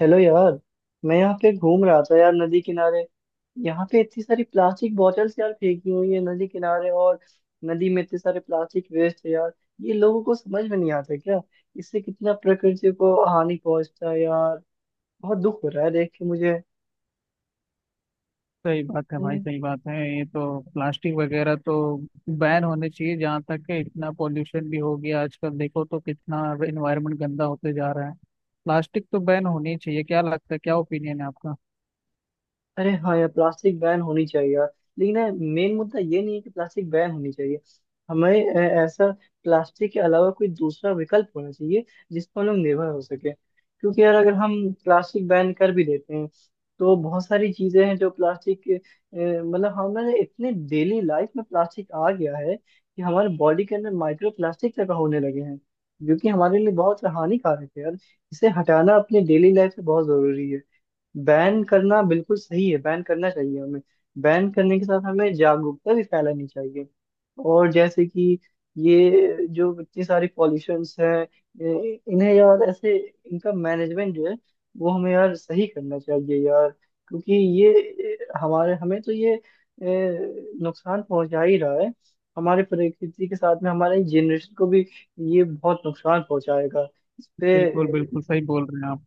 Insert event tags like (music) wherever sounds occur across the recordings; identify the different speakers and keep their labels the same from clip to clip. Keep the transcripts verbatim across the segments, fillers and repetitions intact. Speaker 1: Hello यार। मैं यहाँ पे घूम रहा था यार, नदी किनारे। यहाँ पे इतनी सारी प्लास्टिक बॉटल्स यार फेंकी हुई है नदी किनारे, और नदी में इतने सारे प्लास्टिक वेस्ट है यार। ये लोगों को समझ में नहीं आता क्या? इससे कितना प्रकृति को हानि पहुंचता है यार। बहुत दुख हो रहा है देख के मुझे।
Speaker 2: सही बात है भाई।
Speaker 1: तुम्हें।
Speaker 2: सही बात है, ये तो प्लास्टिक वगैरह तो बैन होने चाहिए। जहाँ तक है, इतना पोल्यूशन भी हो गया आजकल, देखो तो कितना एनवायरनमेंट गंदा होते जा रहा है। प्लास्टिक तो बैन होनी चाहिए। क्या लगता है, क्या ओपिनियन है आपका?
Speaker 1: अरे हाँ यार, प्लास्टिक बैन होनी चाहिए यार। लेकिन यार, मेन मुद्दा ये नहीं है कि प्लास्टिक बैन होनी चाहिए। हमें ए- ऐसा प्लास्टिक के अलावा कोई दूसरा विकल्प होना चाहिए जिस पर हम लोग निर्भर हो सके, क्योंकि यार अगर हम प्लास्टिक बैन कर भी देते हैं तो बहुत सारी चीजें हैं जो प्लास्टिक के, अ, मतलब हमारे इतने डेली लाइफ में प्लास्टिक आ गया है कि हमारे बॉडी के अंदर माइक्रो प्लास्टिक तक होने लगे हैं, जो कि हमारे लिए बहुत हानिकारक है यार। इसे हटाना अपने डेली लाइफ से बहुत जरूरी है। बैन करना बिल्कुल सही है, बैन करना चाहिए हमें। बैन करने के साथ हमें जागरूकता भी फैलानी चाहिए। और जैसे कि ये जो इतनी सारी पॉल्यूशंस हैं, ये- इन्हें यार ऐसे इनका मैनेजमेंट जो है वो हमें यार सही करना चाहिए यार, क्योंकि ये हमारे हमें तो ये ए, नुकसान पहुंचा ही रहा है। हमारे प्रकृति के साथ में हमारे जनरेशन को भी ये बहुत नुकसान पहुंचाएगा। इस पे
Speaker 2: बिल्कुल
Speaker 1: ए,
Speaker 2: बिल्कुल सही बोल रहे हैं आप।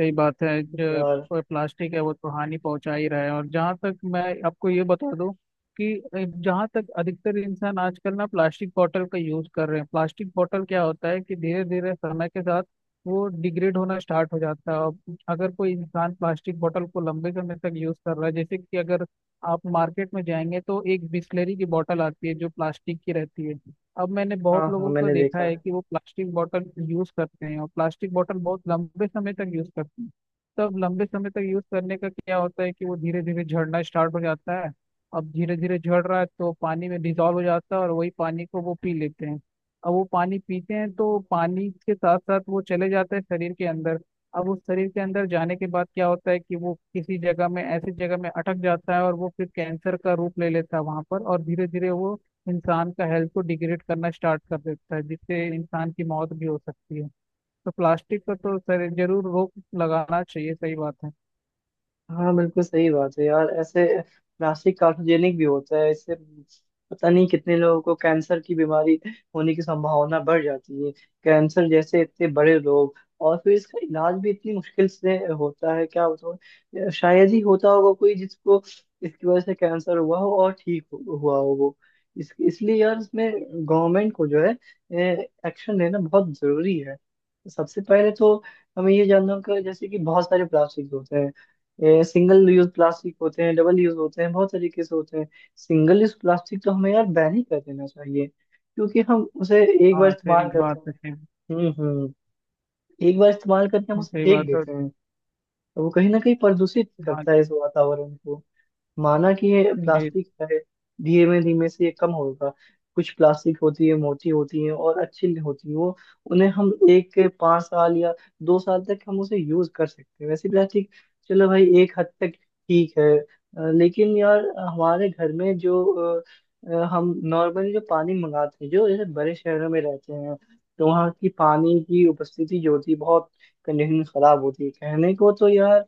Speaker 2: सही बात है। जो
Speaker 1: यार।
Speaker 2: प- प्लास्टिक है वो तो हानि पहुंचा ही रहा है। और जहाँ तक, मैं आपको ये बता दूं कि जहाँ तक अधिकतर इंसान आजकल ना प्लास्टिक बॉटल का यूज कर रहे हैं, प्लास्टिक बॉटल क्या होता है कि धीरे धीरे समय के साथ वो डिग्रेड होना स्टार्ट हो जाता है। और अगर कोई इंसान प्लास्टिक बॉटल को लंबे समय तक यूज कर रहा है, जैसे कि अगर आप मार्केट में जाएंगे तो एक बिस्लेरी की बॉटल आती है जो प्लास्टिक की रहती है। अब मैंने
Speaker 1: हाँ
Speaker 2: बहुत
Speaker 1: हाँ,
Speaker 2: लोगों को
Speaker 1: मैंने
Speaker 2: देखा
Speaker 1: देखा
Speaker 2: है
Speaker 1: है।
Speaker 2: कि वो प्लास्टिक बॉटल यूज करते हैं, और प्लास्टिक बॉटल बहुत लंबे समय तक यूज करते हैं। तब लंबे समय तक यूज करने का क्या होता है कि वो धीरे धीरे झड़ना स्टार्ट हो जाता है। अब धीरे धीरे झड़ रहा है तो पानी में डिजॉल्व हो जाता है, और वही पानी को वो पी लेते हैं। अब वो पानी पीते हैं तो पानी के साथ साथ वो चले जाते हैं शरीर के अंदर। अब उस शरीर के अंदर जाने के बाद क्या होता है कि वो किसी जगह में, ऐसी जगह में अटक जाता है और वो फिर कैंसर का रूप ले लेता है वहां पर। और धीरे धीरे वो इंसान का हेल्थ को डिग्रेड करना स्टार्ट कर देता है, जिससे इंसान की मौत भी हो सकती है। तो प्लास्टिक पर तो सर जरूर रोक लगाना चाहिए। सही बात है।
Speaker 1: हाँ, बिल्कुल सही बात है यार। ऐसे प्लास्टिक कार्cinोजेनिक भी होता है, इससे पता नहीं कितने लोगों को कैंसर की बीमारी होने की संभावना बढ़ जाती है। कैंसर जैसे इतने बड़े रोग, और फिर इसका इलाज भी इतनी मुश्किल से होता है, क्या बताऊँ। शायद ही होता होगा कोई जिसको इसकी वजह से कैंसर हुआ हो और ठीक हो- हुआ हो वो। इस, इसलिए यार इसमें गवर्नमेंट को जो है एक्शन लेना बहुत जरूरी है। सबसे पहले तो हमें ये जानना होगा, जैसे कि बहुत सारे प्लास्टिक होते हैं। सिंगल यूज प्लास्टिक होते हैं, डबल यूज होते हैं, बहुत तरीके से होते हैं। सिंगल यूज प्लास्टिक तो हमें यार बैन ही कर देना चाहिए, क्योंकि हम उसे एक बार
Speaker 2: हाँ
Speaker 1: इस्तेमाल
Speaker 2: सही
Speaker 1: करते
Speaker 2: बात है।
Speaker 1: हैं।
Speaker 2: सही,
Speaker 1: हम्म। हम्म। एक बार इस्तेमाल करके हम उसे
Speaker 2: सही
Speaker 1: फेंक
Speaker 2: बात है।
Speaker 1: देते हैं। तो वो कहीं ना कहीं प्रदूषित
Speaker 2: हाँ
Speaker 1: करता है इस वातावरण को। माना कि ये
Speaker 2: जी,
Speaker 1: प्लास्टिक है, धीमे धीमे से ये कम होगा। कुछ प्लास्टिक होती है, मोटी होती है और अच्छी होती है, वो उन्हें हम एक के पाँच साल या दो साल तक हम उसे यूज कर सकते हैं, वैसे प्लास्टिक। चलो भाई, एक हद तक ठीक है। अ, लेकिन यार हमारे घर में जो अ, अ, हम नॉर्मली जो पानी मंगाते हैं, जो जैसे बड़े शहरों में रहते हैं, तो वहाँ की पानी की उपस्थिति जो होती है बहुत कंडीशन खराब होती है कहने को तो यार।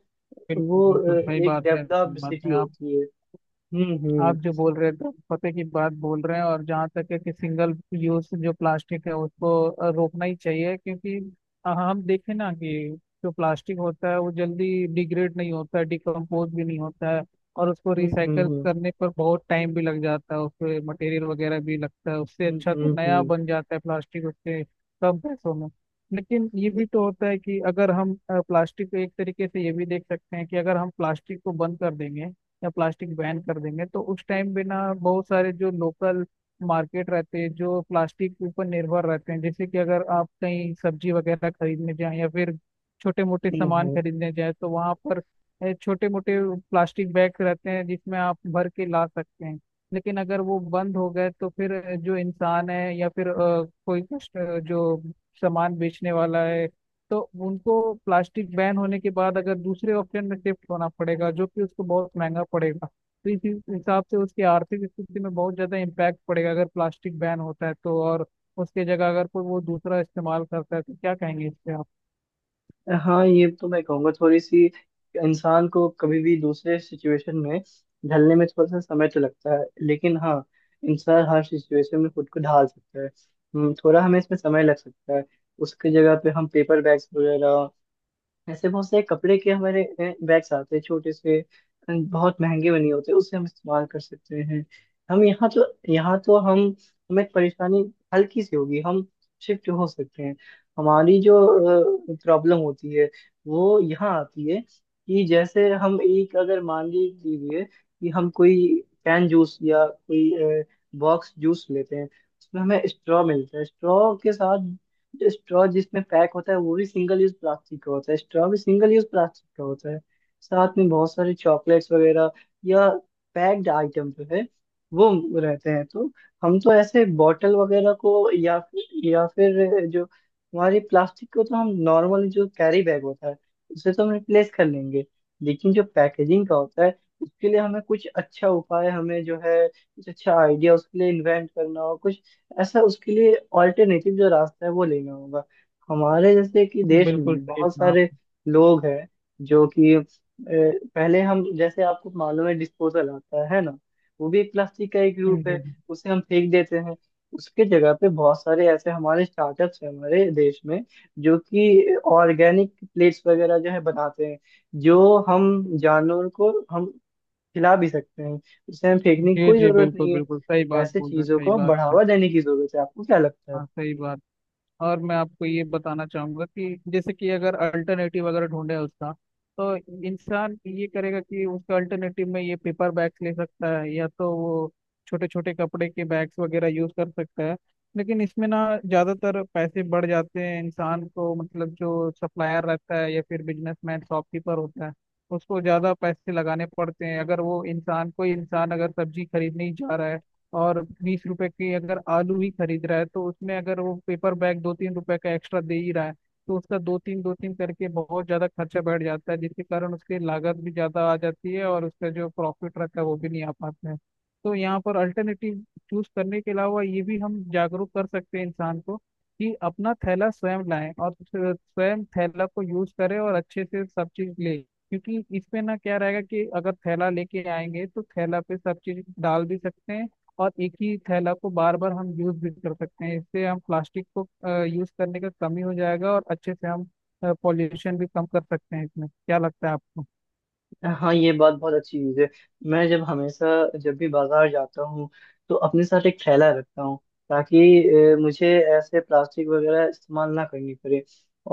Speaker 2: बिल्कुल
Speaker 1: वो
Speaker 2: बिल्कुल
Speaker 1: अ,
Speaker 2: सही
Speaker 1: एक
Speaker 2: बात है। सही
Speaker 1: डेवलप्ड
Speaker 2: बात
Speaker 1: सिटी
Speaker 2: है आप।
Speaker 1: होती है। हम्म। हम्म।
Speaker 2: आप जो बोल रहे थे पते की बात बोल रहे हैं। और जहाँ तक है कि सिंगल यूज जो प्लास्टिक है उसको अ, रोकना ही चाहिए, क्योंकि अ, हम देखें ना कि जो प्लास्टिक होता है वो जल्दी डिग्रेड नहीं होता है, डिकम्पोज भी नहीं होता है। और उसको
Speaker 1: हम्म।
Speaker 2: रिसाइकल
Speaker 1: हम्म।
Speaker 2: करने पर बहुत टाइम भी लग जाता है, उसपे मटेरियल वगैरह भी लगता है। उससे
Speaker 1: हम्म।
Speaker 2: अच्छा तो नया
Speaker 1: हम्म।
Speaker 2: बन जाता है प्लास्टिक उसके कम पैसों में। लेकिन ये भी तो होता है कि अगर हम अ, प्लास्टिक को एक तरीके से ये भी देख सकते हैं कि अगर हम प्लास्टिक को बंद कर देंगे या प्लास्टिक बैन कर देंगे, तो उस टाइम बिना, बहुत सारे जो लोकल मार्केट रहते हैं जो प्लास्टिक के ऊपर निर्भर रहते हैं, जैसे कि अगर आप कहीं सब्जी वगैरह खरीदने जाएं या फिर छोटे मोटे
Speaker 1: हम्म।
Speaker 2: सामान
Speaker 1: हम्म।
Speaker 2: खरीदने जाएं तो वहाँ पर छोटे मोटे प्लास्टिक बैग रहते हैं जिसमें आप भर के ला सकते हैं। लेकिन अगर वो बंद हो गए तो फिर अ, जो इंसान है या फिर अ, कोई कस्ट- अ, जो सामान बेचने वाला है, तो उनको प्लास्टिक बैन होने के बाद अगर दूसरे ऑप्शन में शिफ्ट होना पड़ेगा, जो कि उसको बहुत महंगा पड़ेगा। तो इस इस हिसाब से उसकी आर्थिक स्थिति में बहुत ज़्यादा इम्पैक्ट पड़ेगा अगर प्लास्टिक बैन होता है, तो और उसके जगह अगर कोई वो दूसरा इस्तेमाल करता है तो क्या कहेंगे इस पे आप?
Speaker 1: हाँ, ये तो मैं कहूँगा, थोड़ी सी इंसान को कभी भी दूसरे सिचुएशन में ढलने में थोड़ा सा समय तो लगता है, लेकिन हाँ, इंसान हर सिचुएशन में खुद को ढाल सकता है। हम्म, थोड़ा हमें इसमें समय लग सकता है। उसकी जगह पे हम पेपर बैग्स वगैरह, ऐसे बहुत सारे कपड़े के हमारे बैग्स आते हैं, छोटे से अ, बहुत महंगे बने होते हैं, उसे हम इस्तेमाल कर सकते हैं। हम यहाँ तो यहाँ तो हम हमें परेशानी हल्की सी होगी, हम शिफ्ट हो सकते हैं। हमारी जो प्रॉब्लम होती है वो यहाँ आती है कि जैसे हम एक अगर मान ली- लीजिए कि हम कोई कैन जूस या कोई बॉक्स जूस लेते हैं, उसमें हमें स्ट्रॉ मिलता है। स्ट्रॉ के साथ जो स्ट्रॉ जिसमें पैक होता है, वो भी सिंगल यूज प्लास्टिक का होता है। स्ट्रॉ भी सिंगल यूज प्लास्टिक का होता है। साथ में बहुत सारे चॉकलेट्स वगैरह या पैक्ड आइटम जो है वो रहते हैं। तो हम तो ऐसे बॉटल वगैरह को, या फिर या फिर जो हमारी प्लास्टिक को, तो हम नॉर्मल जो कैरी बैग होता है उसे तो हम रिप्लेस कर लेंगे। लेकिन जो पैकेजिंग का होता है उसके लिए हमें कुछ अच्छा उपाय, हमें जो है कुछ अच्छा आइडिया उसके लिए इन्वेंट करना हो, कुछ ऐसा उसके लिए ऑल्टरनेटिव जो रास्ता है वो लेना होगा। हमारे जैसे कि देश में
Speaker 2: बिल्कुल
Speaker 1: भी
Speaker 2: सही
Speaker 1: बहुत
Speaker 2: कहा आप।
Speaker 1: सारे लोग हैं जो कि अ, पहले हम जैसे आपको मालूम है डिस्पोजल आता है ना, वो भी एक प्लास्टिक का एक रूप है।
Speaker 2: जी
Speaker 1: उसे हम फेंक देते हैं। उसके जगह पे बहुत सारे ऐसे हमारे स्टार्टअप्स हैं हमारे देश में जो कि ऑर्गेनिक प्लेट्स वगैरह जो है बनाते हैं, जो हम जानवर को हम खिला भी सकते हैं। उसे हमें फेंकने की
Speaker 2: जी।
Speaker 1: कोई
Speaker 2: जी,
Speaker 1: जरूरत
Speaker 2: बिल्कुल
Speaker 1: नहीं है।
Speaker 2: बिल्कुल सही बात
Speaker 1: ऐसे
Speaker 2: बोल रहे हैं।
Speaker 1: चीजों
Speaker 2: सही
Speaker 1: को
Speaker 2: बात है।
Speaker 1: बढ़ावा देने की जरूरत है। आपको क्या लगता है?
Speaker 2: हाँ सही बात। और मैं आपको ये बताना चाहूंगा कि जैसे कि अगर अल्टरनेटिव अगर ढूंढे उसका, तो इंसान ये करेगा कि उसका अल्टरनेटिव में ये पेपर बैग्स ले सकता है, या तो वो छोटे छोटे कपड़े के बैग्स वगैरह यूज कर सकता है। लेकिन इसमें ना, ज्यादातर पैसे बढ़ जाते हैं इंसान को, मतलब जो सप्लायर रहता है या फिर बिजनेसमैन शॉपकीपर होता है उसको ज्यादा पैसे लगाने पड़ते हैं। अगर वो इंसान, कोई इंसान अगर सब्जी खरीदने ही जा रहा है और बीस रुपए की अगर आलू ही खरीद रहा है, तो उसमें अगर वो पेपर बैग दो तीन रुपए का एक्स्ट्रा दे ही रहा है तो उसका दो तीन, दो तीन करके बहुत ज्यादा खर्चा बढ़ जाता है, जिसके कारण उसकी लागत भी ज्यादा आ जाती है और उसका जो प्रॉफिट रहता है वो भी नहीं आ पाता है। तो यहाँ पर अल्टरनेटिव चूज करने के अलावा ये भी हम जागरूक कर सकते हैं इंसान को कि अपना थैला स्वयं लाएं और स्वयं थैला को यूज करें और अच्छे से सब चीज ले। क्योंकि इसमें ना क्या रहेगा कि अगर थैला लेके आएंगे तो थैला पे सब चीज डाल भी सकते हैं, और एक ही थैला को बार बार हम यूज भी कर सकते हैं, इससे हम प्लास्टिक को यूज करने का कमी हो जाएगा और अच्छे से हम पॉल्यूशन भी कम कर सकते हैं। इसमें क्या लगता है आपको?
Speaker 1: (laughs) हाँ, ये बात बहुत अच्छी चीज है। मैं जब हमेशा जब भी बाजार जाता हूँ तो अपने साथ एक थैला रखता हूँ, ताकि अ, मुझे ऐसे प्लास्टिक वगैरह इस्तेमाल ना करनी पड़े।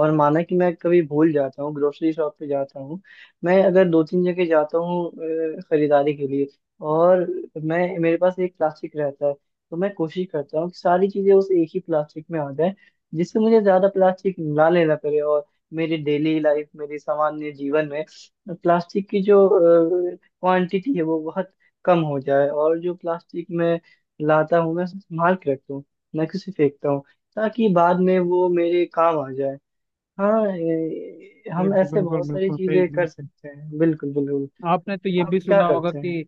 Speaker 1: और माना कि मैं कभी भूल जाता हूँ, ग्रोसरी शॉप पे जाता हूँ, मैं अगर दो तीन जगह जाता हूँ अ, खरीदारी के लिए, और मैं, मेरे पास एक प्लास्टिक रहता है, तो मैं कोशिश करता हूँ कि सारी चीजें उस एक ही प्लास्टिक में आ जाए, जिससे मुझे ज्यादा प्लास्टिक ना लेना पड़े। और मेरी डेली लाइफ, मेरी सामान्य जीवन में प्लास्टिक की जो क्वांटिटी है वो बहुत कम हो जाए। और जो प्लास्टिक मैं लाता हूँ, मैं उसे संभाल के रखता हूँ, मैं किसी फेंकता हूँ, ताकि बाद में वो मेरे काम आ जाए। हाँ, ए, हम
Speaker 2: बिल्कुल
Speaker 1: ऐसे
Speaker 2: बिल्कुल
Speaker 1: बहुत सारी
Speaker 2: बिल्कुल सही
Speaker 1: चीजें कर
Speaker 2: बिल्कुल।
Speaker 1: सकते हैं, बिल्कुल बिल्कुल।
Speaker 2: आपने तो ये
Speaker 1: आप
Speaker 2: भी
Speaker 1: क्या
Speaker 2: सुना होगा
Speaker 1: करते हैं?
Speaker 2: कि,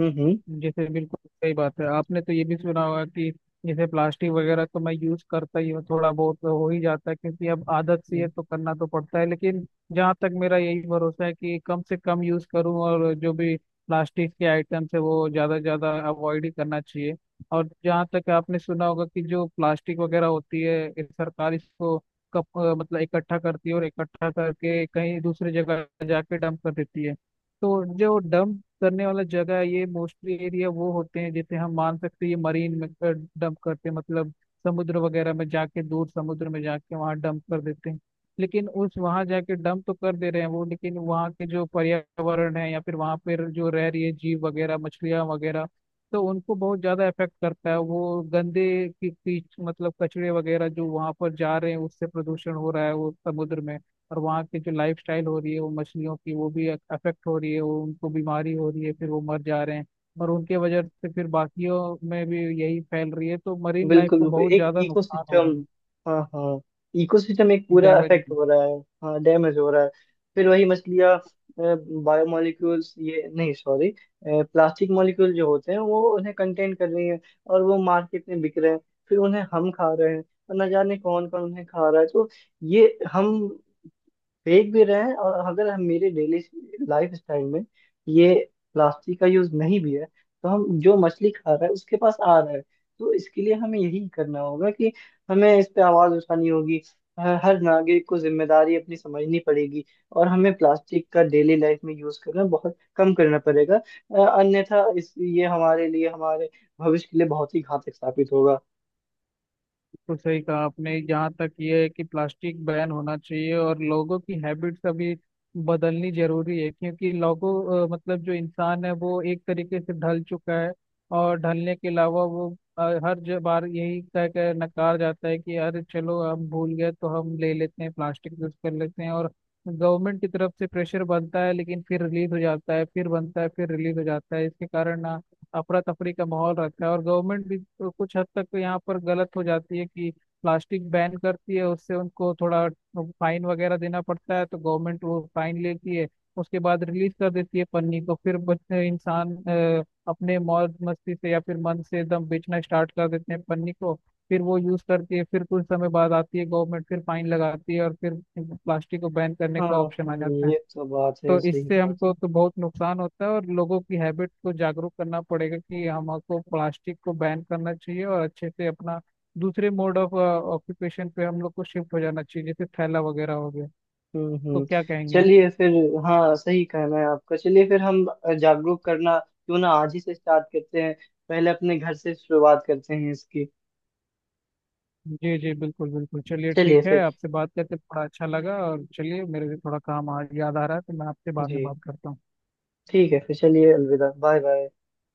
Speaker 1: हम्म। हम्म।
Speaker 2: जैसे, बिल्कुल सही बात है। आपने तो ये भी सुना होगा कि जैसे प्लास्टिक वगैरह तो मैं यूज करता ही हूँ, थोड़ा बहुत तो हो ही जाता है क्योंकि अब आदत सी है तो करना तो पड़ता है। लेकिन जहाँ तक मेरा यही भरोसा है कि कम से कम यूज करूँ, और जो भी प्लास्टिक के आइटम्स है वो ज्यादा से ज्यादा अवॉइड ही करना चाहिए। और जहाँ तक आपने सुना होगा कि जो प्लास्टिक वगैरह होती है, इस सरकार इसको कप अ, मतलब इकट्ठा करती है और इकट्ठा करके कहीं दूसरी जगह जाके डंप कर देती है। तो जो डंप करने वाला जगह है ये मोस्टली एरिया वो होते हैं, जैसे हम मान सकते हैं ये मरीन में डंप करते हैं, मतलब समुद्र वगैरह में जाके, दूर समुद्र में जाके वहाँ डंप कर देते हैं। लेकिन उस वहाँ जाके डंप तो कर दे रहे हैं वो, लेकिन वहाँ के जो पर्यावरण है या फिर वहाँ पर जो रह रही है जीव वगैरह मछलियाँ वगैरह, तो उनको बहुत ज्यादा इफेक्ट करता है। वो गंदे की कीच, मतलब कचरे वगैरह जो वहाँ पर जा रहे हैं, उससे प्रदूषण हो रहा है वो समुद्र में। और वहाँ की जो लाइफ स्टाइल हो रही है वो मछलियों की, वो भी अफेक्ट हो रही है, वो उनको बीमारी हो रही है फिर वो मर जा रहे हैं।
Speaker 1: हम्म।
Speaker 2: और उनके वजह से फिर बाकियों में भी यही फैल रही है, तो मरीन लाइफ
Speaker 1: बिल्कुल
Speaker 2: को
Speaker 1: बिल्कुल,
Speaker 2: बहुत
Speaker 1: एक
Speaker 2: ज़्यादा नुकसान हो रहा
Speaker 1: इकोसिस्टम। हाँ हाँ, इकोसिस्टम एक
Speaker 2: है,
Speaker 1: पूरा
Speaker 2: डैमेज।
Speaker 1: अफेक्ट हो रहा है। हाँ, डैमेज हो रहा है। फिर वही मछलियाँ, बायोमोलिक्यूल्स ये नहीं, सॉरी, प्लास्टिक मॉलिक्यूल जो होते हैं वो उन्हें कंटेन कर रही हैं, और वो मार्केट में बिक रहे हैं, फिर उन्हें हम खा रहे हैं, और न जाने कौन कौन उन्हें खा रहा है। तो ये हम फेंक भी रहे हैं, और अगर हम, मेरे डेली लाइफ स्टाइल में ये प्लास्टिक का यूज नहीं भी है, तो हम जो मछली खा रहे हैं उसके पास आ रहा है। तो इसके लिए हमें यही करना होगा कि हमें इस पे आवाज उठानी होगी। हर हर नागरिक को जिम्मेदारी अपनी समझनी पड़ेगी। और हमें प्लास्टिक का डेली लाइफ में यूज करना बहुत कम करना पड़ेगा। अ, अन्यथा इस, ये हमारे लिए, हमारे भविष्य के लिए बहुत ही घातक साबित होगा।
Speaker 2: तो सही कहा आपने, जहाँ तक ये है कि प्लास्टिक बैन होना चाहिए और लोगों की हैबिट्स अभी बदलनी जरूरी है, क्योंकि लोगों अ, मतलब जो इंसान है वो एक तरीके से ढल चुका है। और ढलने के अलावा वो अ, हर ज- बार यही कह कर नकार जाता है कि अरे चलो हम भूल गए तो हम ले लेते हैं, प्लास्टिक यूज कर लेते हैं। और गवर्नमेंट की तरफ से प्रेशर बनता है लेकिन फिर रिलीज हो जाता है, फिर बनता है फिर रिलीज हो जाता है। इसके कारण ना अफरा तफरी का माहौल रहता है, और गवर्नमेंट भी तो कुछ हद तक तो यहाँ पर गलत हो जाती है कि प्लास्टिक बैन करती है, उससे उनको थोड़ा फाइन वगैरह देना पड़ता है तो गवर्नमेंट वो फाइन लेती है, उसके बाद रिलीज कर देती है पन्नी को। फिर बच्चे इंसान अ, अपने मौज मस्ती से या फिर मन से एकदम बेचना स्टार्ट कर देते हैं पन्नी को। फिर वो यूज करती है, फिर कुछ समय बाद आती है गवर्नमेंट फिर फाइन लगाती है, और फिर प्लास्टिक को बैन करने
Speaker 1: हाँ
Speaker 2: का ऑप्शन
Speaker 1: हाँ,
Speaker 2: आ जाता है।
Speaker 1: ये तो बात है,
Speaker 2: तो
Speaker 1: सही
Speaker 2: इससे
Speaker 1: बात है।
Speaker 2: हमको तो बहुत नुकसान होता है, और लोगों की हैबिट को जागरूक करना पड़ेगा कि हमको प्लास्टिक को बैन करना चाहिए और अच्छे से अपना दूसरे मोड ऑफ ऑक्यूपेशन पे हम लोग को शिफ्ट हो जाना चाहिए, जैसे थैला वगैरह हो गया।
Speaker 1: हम्म।
Speaker 2: तो
Speaker 1: हम्म।
Speaker 2: क्या कहेंगे आप?
Speaker 1: चलिए फिर। हाँ, सही कहना है आपका। चलिए फिर, हम जागरूक करना क्यों ना आज ही से स्टार्ट करते हैं। पहले अपने घर से शुरुआत करते हैं इसकी।
Speaker 2: जी जी बिल्कुल बिल्कुल। चलिए
Speaker 1: चलिए
Speaker 2: ठीक है,
Speaker 1: फिर।
Speaker 2: आपसे बात करके थोड़ा अच्छा लगा, और चलिए मेरे भी थोड़ा काम आज याद आ रहा है तो मैं आपसे बाद में
Speaker 1: जी,
Speaker 2: बात करता हूँ।
Speaker 1: ठीक है। फिर चलिए, अलविदा, बाय बाय।